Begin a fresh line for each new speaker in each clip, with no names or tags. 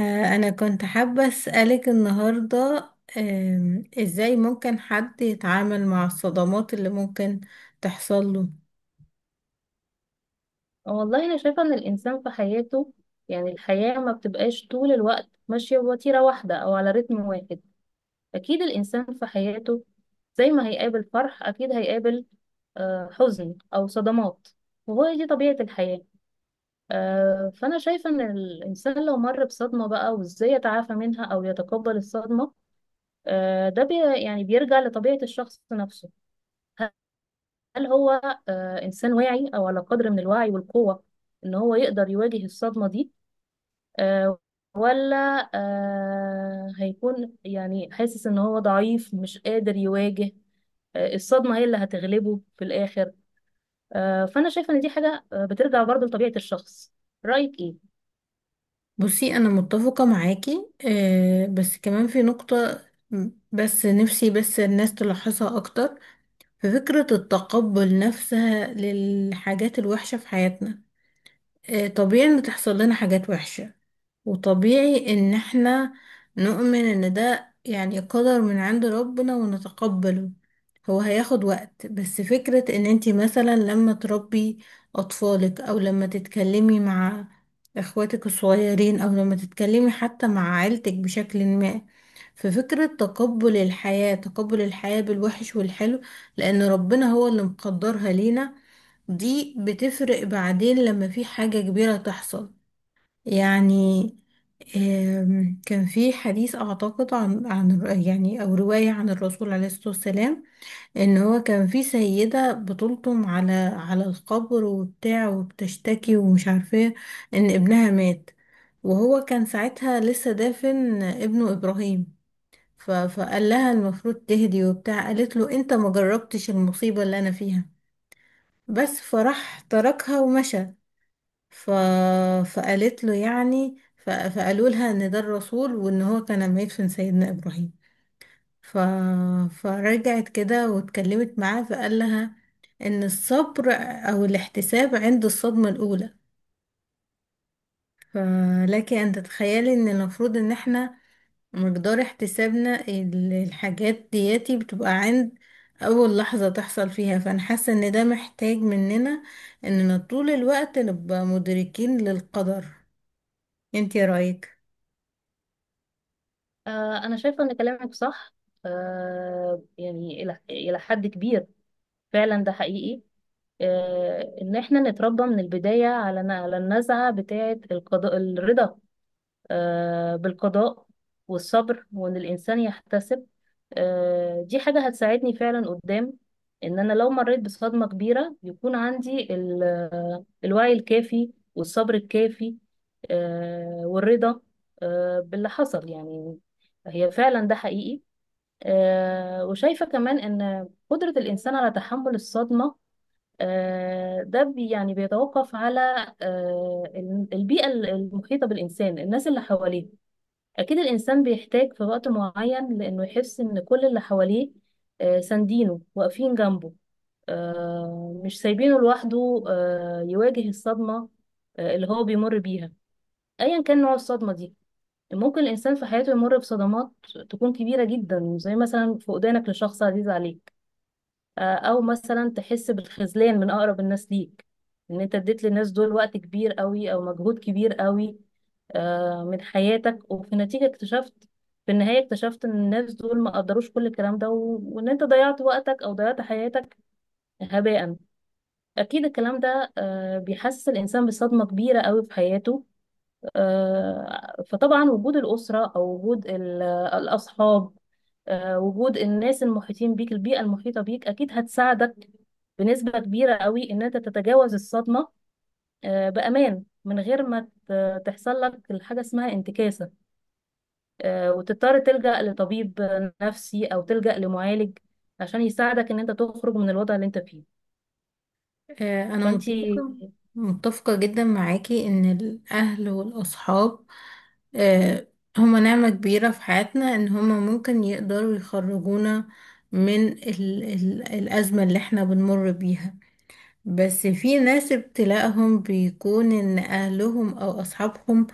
أنا كنت حابة أسألك النهاردة، إزاي ممكن حد يتعامل مع الصدمات اللي ممكن تحصل له؟
والله أنا شايفة إن الإنسان في حياته، يعني الحياة ما بتبقاش طول الوقت ماشية بوتيرة واحدة أو على رتم واحد. أكيد الإنسان في حياته، زي ما هيقابل فرح أكيد هيقابل حزن أو صدمات، وهو دي طبيعة الحياة. فأنا شايفة إن الإنسان لو مر بصدمة بقى، وإزاي يتعافى منها أو يتقبل الصدمة، ده يعني بيرجع لطبيعة الشخص نفسه. هل هو إنسان واعي أو على قدر من الوعي والقوة، إن هو يقدر يواجه الصدمة دي، آه، ولا هيكون يعني حاسس ان هو ضعيف مش قادر يواجه الصدمة هي اللي هتغلبه في الآخر. فأنا شايفة ان دي حاجة بترجع برضو لطبيعة الشخص. رأيك ايه؟
بصي، أنا متفقة معاكي بس كمان في نقطة. بس نفسي بس الناس تلاحظها أكتر في فكرة التقبل نفسها للحاجات الوحشة في حياتنا. طبيعي ان تحصل لنا حاجات وحشة، وطبيعي ان احنا نؤمن ان ده يعني قدر من عند ربنا ونتقبله. هو هياخد وقت، بس فكرة ان انتي مثلا لما تربي اطفالك او لما تتكلمي مع اخواتك الصغيرين او لما تتكلمي حتى مع عيلتك بشكل ما، ففكرة تقبل الحياة، تقبل الحياة بالوحش والحلو لان ربنا هو اللي مقدرها لينا، دي بتفرق بعدين لما في حاجة كبيرة تحصل. يعني كان في حديث أعتقد عن عن الر- يعني أو رواية عن الرسول عليه الصلاة والسلام، إن هو كان في سيدة بتلطم على على القبر وبتاع وبتشتكي ومش عارفة إيه، إن ابنها مات. وهو كان ساعتها لسه دافن ابنه إبراهيم، فقال لها المفروض تهدي وبتاع. قالت له أنت ما جربتش المصيبة اللي أنا فيها، بس فراح تركها ومشى. ف... فقالت له يعني، فقالوا لها ان ده الرسول وان هو كان ميت في سيدنا ابراهيم. ف... فرجعت كده واتكلمت معاه، فقال لها ان الصبر او الاحتساب عند الصدمة الاولى. فلك ان تتخيلي ان المفروض ان احنا مقدار احتسابنا الحاجات دياتي بتبقى عند اول لحظة تحصل فيها. فانا حاسة ان ده محتاج مننا اننا طول الوقت نبقى مدركين للقدر. انتي رايك؟
أنا شايفة ان كلامك صح. يعني إلى حد كبير فعلا ده حقيقي. ان احنا نتربى من البداية على النزعة بتاعة القضاء الرضا، بالقضاء والصبر، وان الانسان يحتسب. دي حاجة هتساعدني فعلا قدام، ان انا لو مريت بصدمة كبيرة يكون عندي الوعي الكافي والصبر الكافي، والرضا باللي حصل يعني. هي فعلا ده حقيقي. وشايفة كمان ان قدرة الانسان على تحمل الصدمة، ده يعني بيتوقف على آه، البيئة المحيطة بالإنسان، الناس اللي حواليه. أكيد الإنسان بيحتاج في وقت معين لأنه يحس إن كل اللي حواليه ساندينه، واقفين جنبه، مش سايبينه لوحده يواجه الصدمة اللي هو بيمر بيها، أيا كان نوع الصدمة دي. ممكن الإنسان في حياته يمر بصدمات تكون كبيرة جدا، زي مثلا فقدانك لشخص عزيز عليك، او مثلا تحس بالخذلان من اقرب الناس ليك، ان انت اديت للناس دول وقت كبير قوي او مجهود كبير قوي من حياتك. وفي النتيجة اكتشفت، في النهاية اكتشفت ان الناس دول ما قدروش كل الكلام ده، وان انت ضيعت وقتك او ضيعت حياتك هباء. اكيد الكلام ده بيحسس الانسان بصدمة كبيرة قوي في حياته. فطبعا وجود الاسرة او وجود الاصحاب، وجود الناس المحيطين بيك، البيئة المحيطة بيك أكيد هتساعدك بنسبة كبيرة قوي إن أنت تتجاوز الصدمة بأمان، من غير ما تحصل لك الحاجة اسمها انتكاسة، وتضطر تلجأ لطبيب نفسي أو تلجأ لمعالج عشان يساعدك إن أنت تخرج من الوضع اللي أنت فيه.
أنا
فأنت
متفقة، متفقة جدا معاكي إن الأهل والأصحاب آه، هما نعمة كبيرة في حياتنا، إن هما ممكن يقدروا يخرجونا من ال الأزمة اللي احنا بنمر بيها. بس في ناس ابتلاءهم بيكون إن أهلهم أو أصحابهم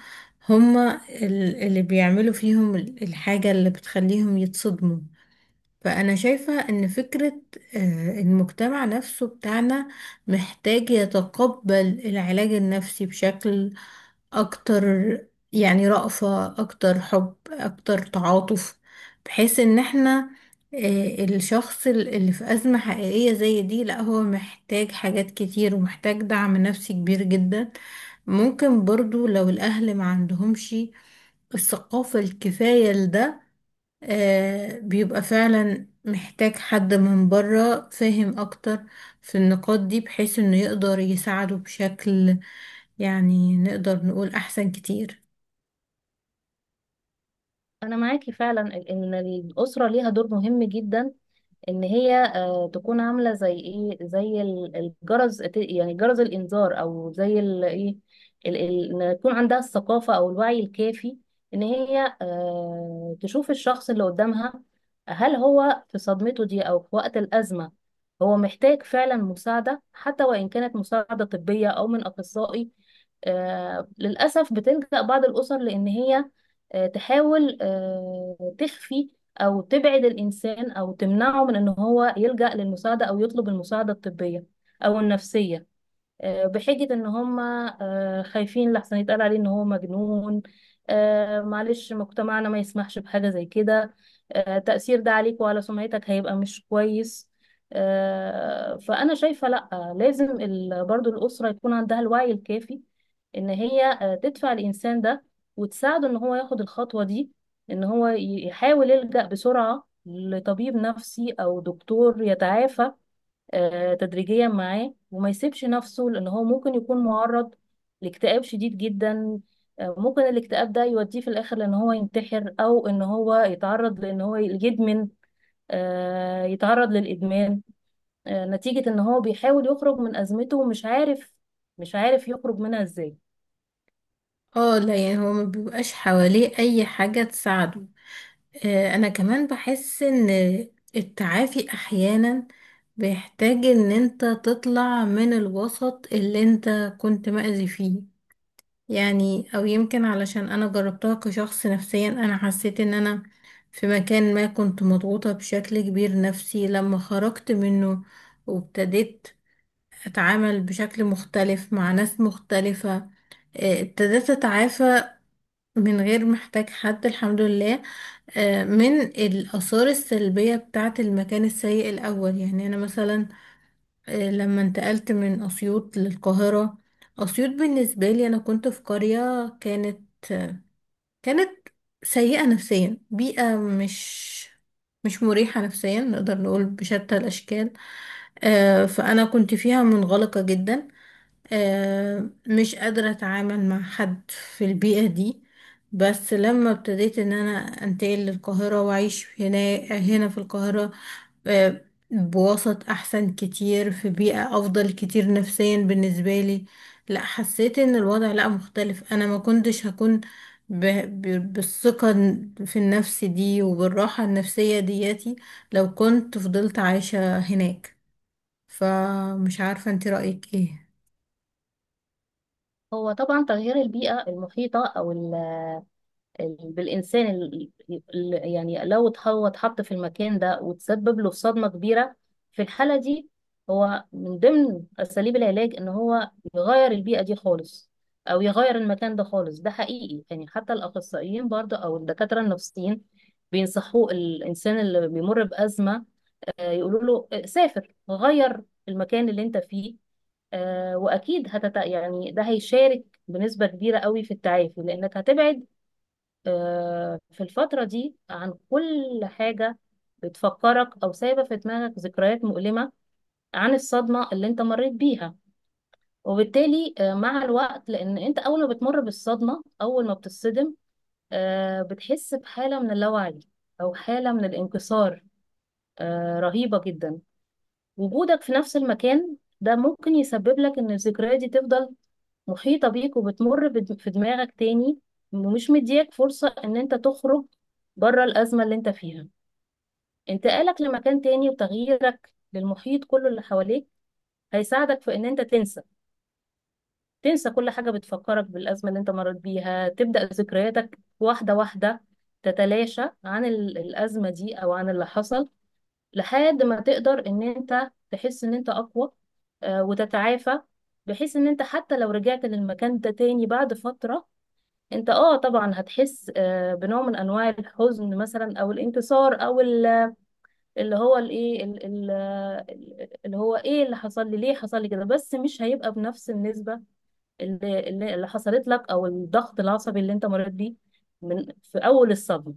هما اللي بيعملوا فيهم الحاجة اللي بتخليهم يتصدموا. فأنا شايفة إن فكرة المجتمع نفسه بتاعنا محتاج يتقبل العلاج النفسي بشكل أكتر، يعني رأفة أكتر، حب أكتر، تعاطف، بحيث إن احنا الشخص اللي في أزمة حقيقية زي دي لا، هو محتاج حاجات كتير ومحتاج دعم نفسي كبير جدا. ممكن برضو لو الأهل ما عندهمش الثقافة الكفاية لده، بيبقى فعلا محتاج حد من بره فاهم اكتر في النقاط دي، بحيث انه يقدر يساعده بشكل يعني نقدر نقول احسن كتير.
أنا معاكي فعلا إن الأسرة ليها دور مهم جدا، ان هي تكون عامله زي ايه، زي الجرس، يعني جرس الانذار، او زي ان يكون عندها الثقافه او الوعي الكافي، ان هي تشوف الشخص اللي قدامها. هل هو في صدمته دي، او في وقت الازمه هو محتاج فعلا مساعده، حتى وان كانت مساعده طبيه او من اخصائي. للاسف بتلجأ بعض الاسر لان هي تحاول تخفي او تبعد الانسان، او تمنعه من ان هو يلجأ للمساعدة او يطلب المساعدة الطبية او النفسية، بحجة ان هم خايفين لحسن يتقال عليه ان هو مجنون. معلش، مجتمعنا ما يسمحش بحاجة زي كده، تأثير ده عليك وعلى سمعتك هيبقى مش كويس. فأنا شايفة لأ، لازم برضو الأسرة يكون عندها الوعي الكافي، ان هي تدفع الإنسان ده وتساعده ان هو ياخد الخطوة دي، ان هو يحاول يلجأ بسرعة لطبيب نفسي أو دكتور يتعافى تدريجيا معاه، وما يسيبش نفسه لان هو ممكن يكون معرض لاكتئاب شديد جدا. ممكن الاكتئاب ده يوديه في الاخر لان هو ينتحر، او ان هو يتعرض لان هو يدمن يتعرض للادمان نتيجة ان هو بيحاول يخرج من ازمته ومش عارف، مش عارف يخرج منها ازاي.
اه لا، يعني هو ما بيبقاش حواليه اي حاجة تساعده. انا كمان بحس ان التعافي احيانا بيحتاج ان انت تطلع من الوسط اللي انت كنت مأذي فيه. يعني او يمكن علشان انا جربتها كشخص نفسيا، انا حسيت ان انا في مكان ما كنت مضغوطة بشكل كبير نفسي، لما خرجت منه وابتديت اتعامل بشكل مختلف مع ناس مختلفة، ابتديت اتعافى من غير محتاج حد، الحمد لله، من الآثار السلبية بتاعة المكان السيء الأول. يعني أنا مثلا، لما انتقلت من أسيوط للقاهرة، أسيوط بالنسبة لي أنا كنت في قرية كانت سيئة نفسيا، بيئة مش مريحة نفسيا نقدر نقول بشتى الأشكال. فأنا كنت فيها منغلقة جدا، مش قادرة اتعامل مع حد في البيئة دي. بس لما ابتديت ان انا انتقل للقاهرة واعيش هنا في القاهرة، آه، بوسط احسن كتير في بيئة افضل كتير نفسيا بالنسبة لي، لا حسيت ان الوضع لا مختلف. انا ما كنتش هكون ب... بالثقة في النفس دي وبالراحة النفسية دياتي لو كنت فضلت عايشة هناك. فمش عارفة انت رأيك ايه؟
هو طبعا تغيير البيئة المحيطة او ال- بالإنسان ال- يعني لو هو اتحط في المكان ده وتسبب له صدمة كبيرة، في الحالة دي هو من ضمن أساليب العلاج إن هو يغير البيئة دي خالص، أو يغير المكان ده خالص. ده حقيقي يعني، حتى الأخصائيين برضه أو الدكاترة النفسيين بينصحوا الإنسان اللي بيمر بأزمة، يقولوا له سافر، غير المكان اللي أنت فيه. وأكيد يعني ده هيشارك بنسبة كبيرة قوي في التعافي، لأنك هتبعد في الفترة دي عن كل حاجة بتفكرك، أو سايبة في دماغك ذكريات مؤلمة عن الصدمة اللي أنت مريت بيها. وبالتالي مع الوقت، لأن أنت أول ما بتمر بالصدمة، أول ما بتصدم بتحس بحالة من اللاوعي، أو حالة من الانكسار رهيبة جدا. وجودك في نفس المكان ده ممكن يسبب لك إن الذكريات دي تفضل محيطة بيك، وبتمر في دماغك تاني، ومش مدياك فرصة ان انت تخرج بره الأزمة اللي انت فيها. انتقالك لمكان تاني وتغييرك للمحيط كله اللي حواليك هيساعدك في ان انت تنسى، كل حاجة بتفكرك بالأزمة اللي انت مريت بيها. تبدأ ذكرياتك واحدة واحدة تتلاشى عن الأزمة دي أو عن اللي حصل، لحد ما تقدر ان انت تحس ان انت أقوى وتتعافى. بحيث ان انت حتى لو رجعت للمكان ده تاني بعد فترة، انت طبعا هتحس بنوع من انواع الحزن مثلا، او الانكسار، او ال- اللي هو الايه ال- ال- اللي هو ايه اللي حصل لي، ليه حصل لي كده. بس مش هيبقى بنفس النسبة اللي حصلت لك، او الضغط العصبي اللي انت مريت بيه من في اول الصدمة.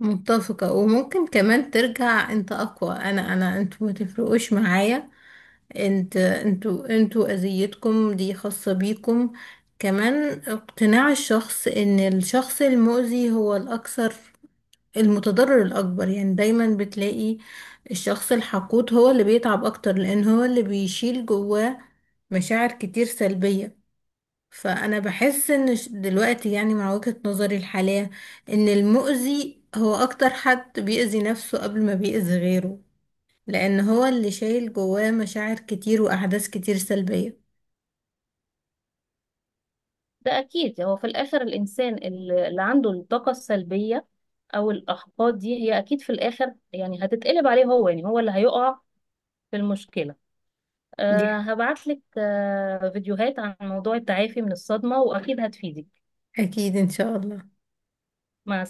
متفقة. وممكن كمان ترجع انت اقوى. انا انتوا ما تفرقوش معايا، انتوا اذيتكم دي خاصة بيكم. كمان اقتناع الشخص ان الشخص المؤذي هو الاكثر، المتضرر الاكبر، يعني دايما بتلاقي الشخص الحقود هو اللي بيتعب اكتر لان هو اللي بيشيل جواه مشاعر كتير سلبية. فانا بحس ان دلوقتي يعني مع وجهة نظري الحالية ان المؤذي هو اكتر حد بيأذي نفسه قبل ما بيأذي غيره، لان هو اللي شايل جواه مشاعر كتير واحداث كتير سلبية.
ده اكيد هو في الاخر الانسان اللي عنده الطاقة السلبية او الاحباط، دي هي اكيد في الاخر يعني هتتقلب عليه هو، يعني هو اللي هيقع في المشكلة.
دي
هبعتلك فيديوهات عن موضوع التعافي من الصدمة، وأكيد هتفيدك.
اكيد ان شاء الله.
مع